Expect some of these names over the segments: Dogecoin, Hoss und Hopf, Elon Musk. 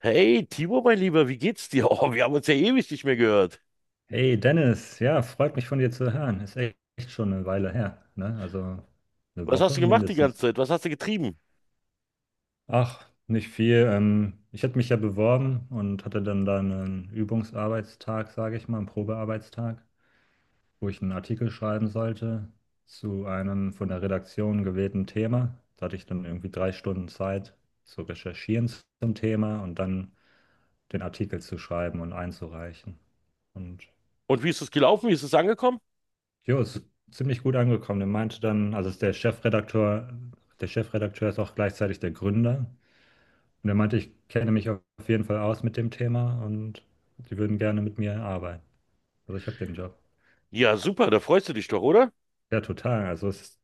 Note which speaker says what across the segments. Speaker 1: Hey, Timo, mein Lieber, wie geht's dir? Oh, wir haben uns ja ewig nicht mehr gehört.
Speaker 2: Hey Dennis, ja, freut mich von dir zu hören. Ist echt echt schon eine Weile her, ne? Also eine
Speaker 1: Was hast du
Speaker 2: Woche
Speaker 1: gemacht die
Speaker 2: mindestens.
Speaker 1: ganze Zeit? Was hast du getrieben?
Speaker 2: Ach, nicht viel. Ich hatte mich ja beworben und hatte dann da einen Übungsarbeitstag, sage ich mal, einen Probearbeitstag, wo ich einen Artikel schreiben sollte zu einem von der Redaktion gewählten Thema. Da hatte ich dann irgendwie 3 Stunden Zeit zu recherchieren zum Thema und dann den Artikel zu schreiben und einzureichen. Und.
Speaker 1: Und wie ist es gelaufen? Wie ist es angekommen?
Speaker 2: Jo, ist ziemlich gut angekommen. Er meinte dann, also ist der Chefredakteur ist auch gleichzeitig der Gründer. Und er meinte, ich kenne mich auf jeden Fall aus mit dem Thema und die würden gerne mit mir arbeiten. Also ich habe den Job.
Speaker 1: Ja, super, da freust du dich doch, oder?
Speaker 2: Ja, total. Also es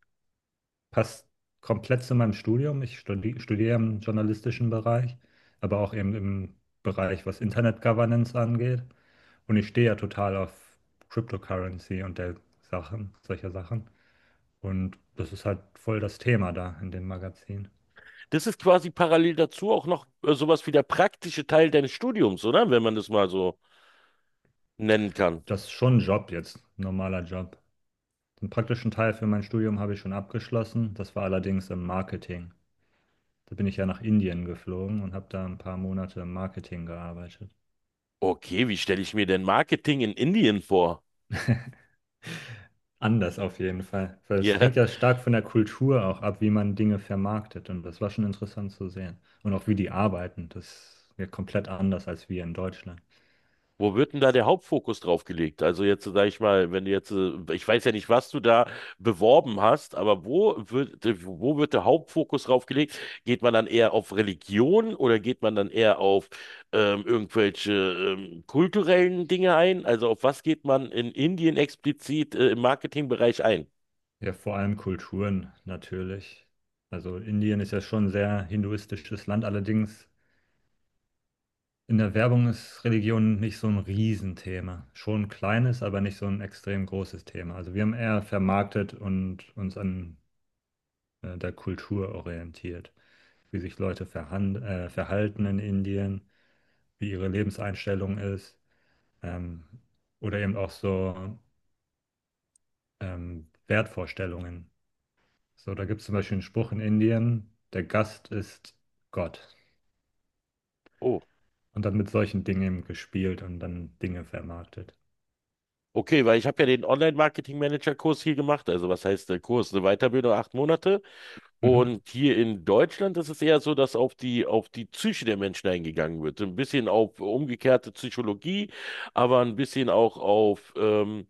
Speaker 2: passt komplett zu meinem Studium. Ich studiere im journalistischen Bereich, aber auch eben im Bereich, was Internet Governance angeht. Und ich stehe ja total auf Cryptocurrency und der Sachen, solcher Sachen. Und das ist halt voll das Thema da in dem Magazin.
Speaker 1: Das ist quasi parallel dazu auch noch sowas wie der praktische Teil deines Studiums, oder? Wenn man das mal so nennen kann.
Speaker 2: Das ist schon ein Job jetzt, ein normaler Job. Den praktischen Teil für mein Studium habe ich schon abgeschlossen. Das war allerdings im Marketing. Da bin ich ja nach Indien geflogen und habe da ein paar Monate im Marketing gearbeitet.
Speaker 1: Okay, wie stelle ich mir denn Marketing in Indien vor?
Speaker 2: Anders auf jeden Fall. Weil es
Speaker 1: Ja,
Speaker 2: hängt ja stark von der Kultur auch ab, wie man Dinge vermarktet. Und das war schon interessant zu sehen. Und auch wie die arbeiten. Das ist ja komplett anders als wir in Deutschland.
Speaker 1: wo wird denn da der Hauptfokus drauf gelegt? Also jetzt, sage ich mal, wenn du jetzt, ich weiß ja nicht, was du da beworben hast, aber wo wird der Hauptfokus drauf gelegt? Geht man dann eher auf Religion oder geht man dann eher auf irgendwelche kulturellen Dinge ein? Also auf was geht man in Indien explizit im Marketingbereich ein?
Speaker 2: Ja, vor allem Kulturen natürlich. Also Indien ist ja schon ein sehr hinduistisches Land, allerdings in der Werbung ist Religion nicht so ein Riesenthema. Schon ein kleines, aber nicht so ein extrem großes Thema. Also wir haben eher vermarktet und uns an der Kultur orientiert, wie sich Leute verhan verhalten in Indien, wie ihre Lebenseinstellung ist, ähm, oder eben auch so Wertvorstellungen. So, da gibt es zum Beispiel einen Spruch in Indien: Der Gast ist Gott.
Speaker 1: Oh,
Speaker 2: Und dann mit solchen Dingen eben gespielt und dann Dinge vermarktet.
Speaker 1: okay, weil ich habe ja den Online-Marketing-Manager-Kurs hier gemacht. Also was heißt der Kurs? Eine Weiterbildung, 8 Monate.
Speaker 2: Mhm.
Speaker 1: Und hier in Deutschland ist es eher so, dass auf die Psyche der Menschen eingegangen wird. So ein bisschen auf umgekehrte Psychologie, aber ein bisschen auch auf,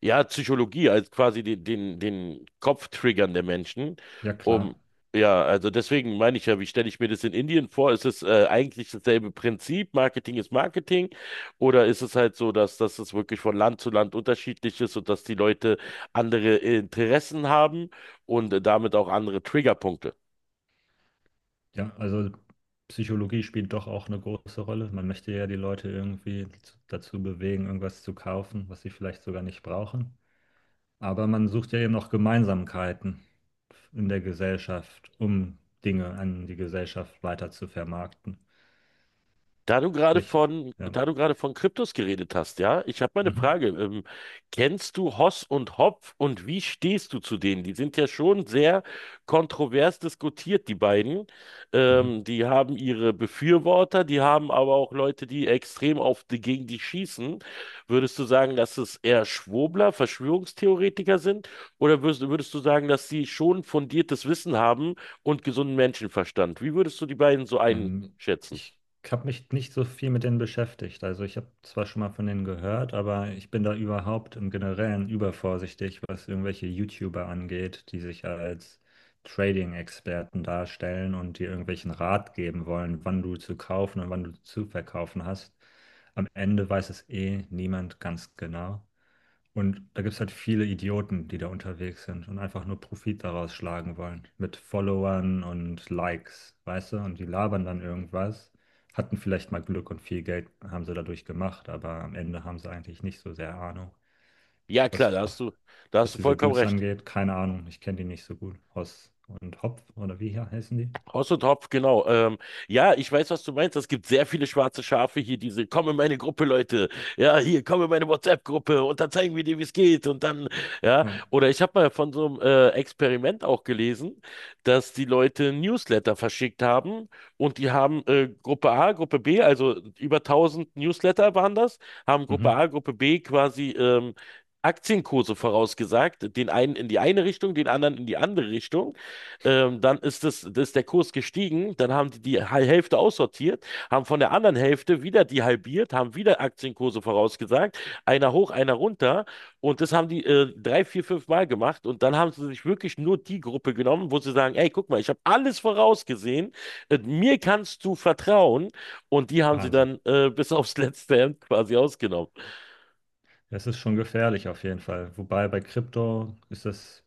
Speaker 1: ja, Psychologie, als quasi den Kopf triggern der Menschen,
Speaker 2: Ja,
Speaker 1: um,
Speaker 2: klar.
Speaker 1: ja, also deswegen meine ich ja, wie stelle ich mir das in Indien vor? Ist es eigentlich dasselbe Prinzip, Marketing ist Marketing, oder ist es halt so, dass es wirklich von Land zu Land unterschiedlich ist und dass die Leute andere Interessen haben und damit auch andere Triggerpunkte?
Speaker 2: Ja, also Psychologie spielt doch auch eine große Rolle. Man möchte ja die Leute irgendwie dazu bewegen, irgendwas zu kaufen, was sie vielleicht sogar nicht brauchen. Aber man sucht ja eben noch Gemeinsamkeiten in der Gesellschaft, um Dinge an die Gesellschaft weiter zu vermarkten.
Speaker 1: Da du gerade
Speaker 2: Sprich,
Speaker 1: von,
Speaker 2: ja.
Speaker 1: da du gerade von Kryptos geredet hast, ja, ich habe mal eine
Speaker 2: Mhm.
Speaker 1: Frage. Kennst du Hoss und Hopf und wie stehst du zu denen? Die sind ja schon sehr kontrovers diskutiert, die beiden.
Speaker 2: Mhm.
Speaker 1: Die haben ihre Befürworter, die haben aber auch Leute, die extrem auf die, gegen die schießen. Würdest du sagen, dass es eher Schwurbler, Verschwörungstheoretiker sind? Oder würdest du sagen, dass sie schon fundiertes Wissen haben und gesunden Menschenverstand? Wie würdest du die beiden so
Speaker 2: Ähm,
Speaker 1: einschätzen?
Speaker 2: Ich habe mich nicht so viel mit denen beschäftigt. Also ich habe zwar schon mal von denen gehört, aber ich bin da überhaupt im Generellen übervorsichtig, was irgendwelche YouTuber angeht, die sich als Trading-Experten darstellen und dir irgendwelchen Rat geben wollen, wann du zu kaufen und wann du zu verkaufen hast. Am Ende weiß es eh niemand ganz genau. Und da gibt es halt viele Idioten, die da unterwegs sind und einfach nur Profit daraus schlagen wollen. Mit Followern und Likes, weißt du? Und die labern dann irgendwas, hatten vielleicht mal Glück und viel Geld haben sie dadurch gemacht, aber am Ende haben sie eigentlich nicht so sehr Ahnung.
Speaker 1: Ja, klar,
Speaker 2: Was,
Speaker 1: da hast
Speaker 2: was
Speaker 1: du
Speaker 2: diese
Speaker 1: vollkommen
Speaker 2: Dudes
Speaker 1: recht.
Speaker 2: angeht, keine Ahnung, ich kenne die nicht so gut. Hoss und Hopf, oder wie hier heißen die?
Speaker 1: Hoss und Hopf, genau. Ja, ich weiß, was du meinst. Es gibt sehr viele schwarze Schafe hier, diese, komm in meine Gruppe, Leute. Ja, hier, komm in meine WhatsApp-Gruppe und dann zeigen wir dir, wie es geht. Und dann, ja.
Speaker 2: Ja.
Speaker 1: Oder ich habe mal von so einem Experiment auch gelesen, dass die Leute Newsletter verschickt haben und die haben Gruppe A, Gruppe B, also über 1000 Newsletter waren das, haben Gruppe
Speaker 2: Mhm.
Speaker 1: A, Gruppe B quasi Aktienkurse vorausgesagt, den einen in die eine Richtung, den anderen in die andere Richtung. Dann ist das ist der Kurs gestiegen, dann haben die Hälfte aussortiert, haben von der anderen Hälfte wieder die halbiert, haben wieder Aktienkurse vorausgesagt, einer hoch, einer runter und das haben die drei, vier, fünf Mal gemacht und dann haben sie sich wirklich nur die Gruppe genommen, wo sie sagen, ey, guck mal, ich habe alles vorausgesehen, mir kannst du vertrauen und die haben sie
Speaker 2: Wahnsinn.
Speaker 1: dann bis aufs letzte Hemd quasi ausgenommen.
Speaker 2: Es ist schon gefährlich auf jeden Fall. Wobei bei Krypto ist das.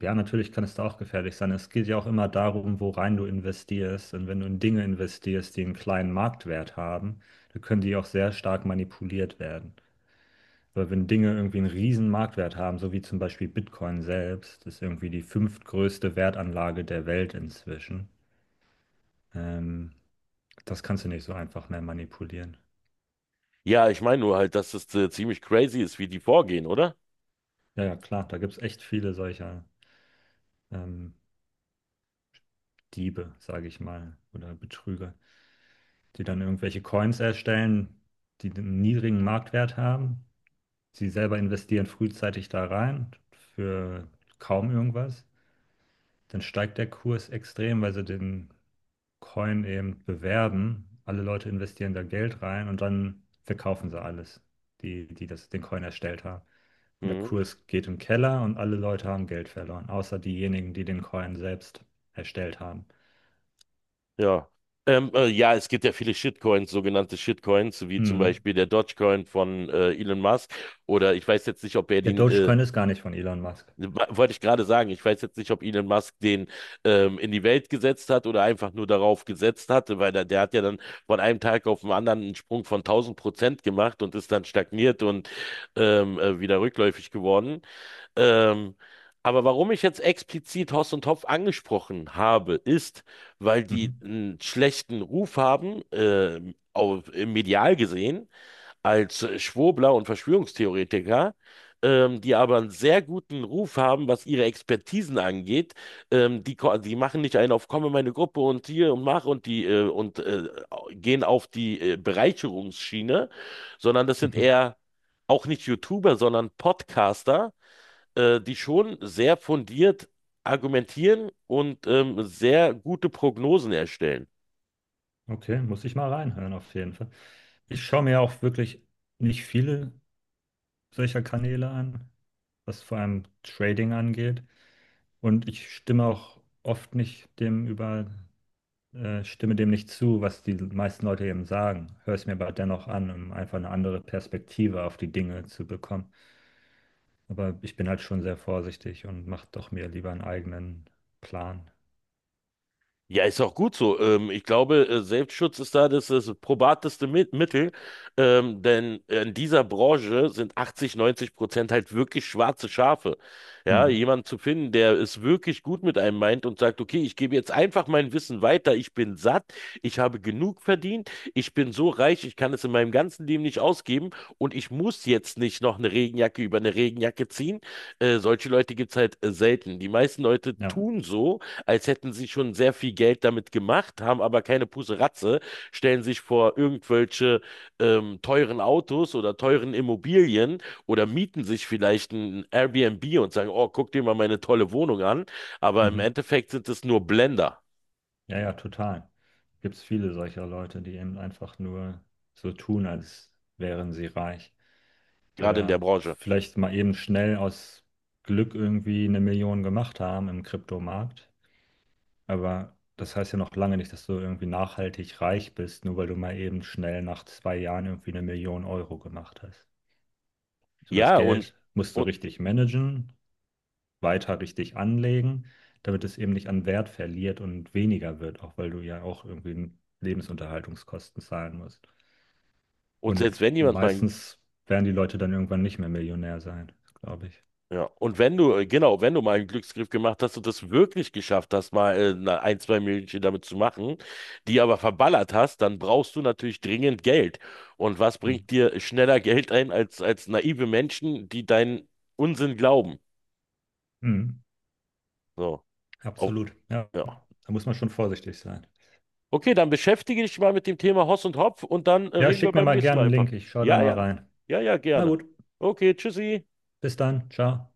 Speaker 2: Ja, natürlich kann es da auch gefährlich sein. Es geht ja auch immer darum, worein du investierst. Und wenn du in Dinge investierst, die einen kleinen Marktwert haben, dann können die auch sehr stark manipuliert werden. Aber wenn Dinge irgendwie einen riesen Marktwert haben, so wie zum Beispiel Bitcoin selbst, das ist irgendwie die fünftgrößte Wertanlage der Welt inzwischen, ähm, das kannst du nicht so einfach mehr manipulieren.
Speaker 1: Ja, ich meine nur halt, dass es ziemlich crazy ist, wie die vorgehen, oder?
Speaker 2: Ja, ja, klar, da gibt es echt viele solcher ähm, Diebe, sage ich mal, oder Betrüger, die dann irgendwelche Coins erstellen, die einen niedrigen Marktwert haben. Sie selber investieren frühzeitig da rein für kaum irgendwas. Dann steigt der Kurs extrem, weil sie den Coin eben bewerben. Alle Leute investieren da Geld rein und dann verkaufen sie alles, die, den Coin erstellt haben. Und der
Speaker 1: Mhm.
Speaker 2: Kurs geht im Keller und alle Leute haben Geld verloren, außer diejenigen, die den Coin selbst erstellt haben.
Speaker 1: Ja. Ja, es gibt ja viele Shitcoins, sogenannte Shitcoins, wie zum
Speaker 2: Mhm.
Speaker 1: Beispiel der Dogecoin von Elon Musk. Oder ich weiß jetzt nicht, ob er
Speaker 2: Der
Speaker 1: den,
Speaker 2: Dogecoin ist gar nicht von Elon Musk.
Speaker 1: wa- wollte ich gerade sagen, ich weiß jetzt nicht, ob Elon Musk den in die Welt gesetzt hat oder einfach nur darauf gesetzt hatte, weil der hat ja dann von einem Tag auf den anderen einen Sprung von 1000% gemacht und ist dann stagniert und wieder rückläufig geworden. Ähm, aber warum ich jetzt explizit Hoss und Hopf angesprochen habe, ist, weil die
Speaker 2: Mhm.
Speaker 1: einen schlechten Ruf haben, auf, im medial gesehen, als Schwurbler und Verschwörungstheoretiker, die aber einen sehr guten Ruf haben, was ihre Expertisen angeht. Die machen nicht einen auf, komme in meine Gruppe und hier und mach und die und gehen auf die Bereicherungsschiene, sondern das sind
Speaker 2: Mhm.
Speaker 1: eher auch nicht YouTuber, sondern Podcaster die schon sehr fundiert argumentieren und sehr gute Prognosen erstellen.
Speaker 2: Okay, muss ich mal reinhören auf jeden Fall. Ich schaue mir auch wirklich nicht viele solcher Kanäle an, was vor allem Trading angeht. Und ich stimme auch oft nicht dem über, stimme dem nicht zu, was die meisten Leute eben sagen. Höre es mir aber dennoch an, um einfach eine andere Perspektive auf die Dinge zu bekommen. Aber ich bin halt schon sehr vorsichtig und mache doch mir lieber einen eigenen Plan.
Speaker 1: Ja, ist auch gut so. Ich glaube, Selbstschutz ist da das probateste Mittel, denn in dieser Branche sind 80, 90% halt wirklich schwarze Schafe. Ja,
Speaker 2: Hm,
Speaker 1: jemanden zu finden, der es wirklich gut mit einem meint und sagt, okay, ich gebe jetzt einfach mein Wissen weiter, ich bin satt, ich habe genug verdient, ich bin so reich, ich kann es in meinem ganzen Leben nicht ausgeben und ich muss jetzt nicht noch eine Regenjacke über eine Regenjacke ziehen. Solche Leute gibt es halt selten. Die meisten Leute
Speaker 2: ja.
Speaker 1: tun so, als hätten sie schon sehr viel Geld damit gemacht, haben aber keine Puseratze, stellen sich vor irgendwelche teuren Autos oder teuren Immobilien oder mieten sich vielleicht ein Airbnb und sagen, oh, guck dir mal meine tolle Wohnung an. Aber im
Speaker 2: Mhm.
Speaker 1: Endeffekt sind es nur Blender,
Speaker 2: Ja, ja, total. Gibt es viele solcher Leute, die eben einfach nur so tun, als wären sie reich.
Speaker 1: gerade in der
Speaker 2: Oder
Speaker 1: Branche.
Speaker 2: vielleicht mal eben schnell aus Glück irgendwie 1 Million gemacht haben im Kryptomarkt. Aber das heißt ja noch lange nicht, dass du irgendwie nachhaltig reich bist, nur weil du mal eben schnell nach 2 Jahren irgendwie 1 Million Euro gemacht hast. So, das
Speaker 1: Ja, und,
Speaker 2: Geld musst du
Speaker 1: und,
Speaker 2: richtig managen, weiter richtig anlegen, damit es eben nicht an Wert verliert und weniger wird, auch weil du ja auch irgendwie Lebensunterhaltungskosten zahlen musst.
Speaker 1: und
Speaker 2: Und
Speaker 1: selbst wenn jemand mal
Speaker 2: meistens werden die Leute dann irgendwann nicht mehr Millionär sein, glaube ich.
Speaker 1: Ja, und wenn du, genau, wenn du mal einen Glücksgriff gemacht hast und das wirklich geschafft hast, ein, zwei Millionchen damit zu machen, die aber verballert hast, dann brauchst du natürlich dringend Geld. Und was
Speaker 2: Hm.
Speaker 1: bringt dir schneller Geld ein als naive Menschen, die deinen Unsinn glauben?
Speaker 2: Hm.
Speaker 1: So, Au-
Speaker 2: Absolut. Ja,
Speaker 1: ja.
Speaker 2: da muss man schon vorsichtig sein.
Speaker 1: Okay, dann beschäftige dich mal mit dem Thema Hoss und Hopf und dann
Speaker 2: Ja,
Speaker 1: reden wir
Speaker 2: schick mir
Speaker 1: beim
Speaker 2: mal
Speaker 1: nächsten
Speaker 2: gerne
Speaker 1: Mal
Speaker 2: einen
Speaker 1: einfach.
Speaker 2: Link. Ich schaue da
Speaker 1: Ja,
Speaker 2: mal
Speaker 1: ja,
Speaker 2: rein.
Speaker 1: ja, ja,
Speaker 2: Na
Speaker 1: gerne.
Speaker 2: gut,
Speaker 1: Okay, tschüssi.
Speaker 2: bis dann. Ciao.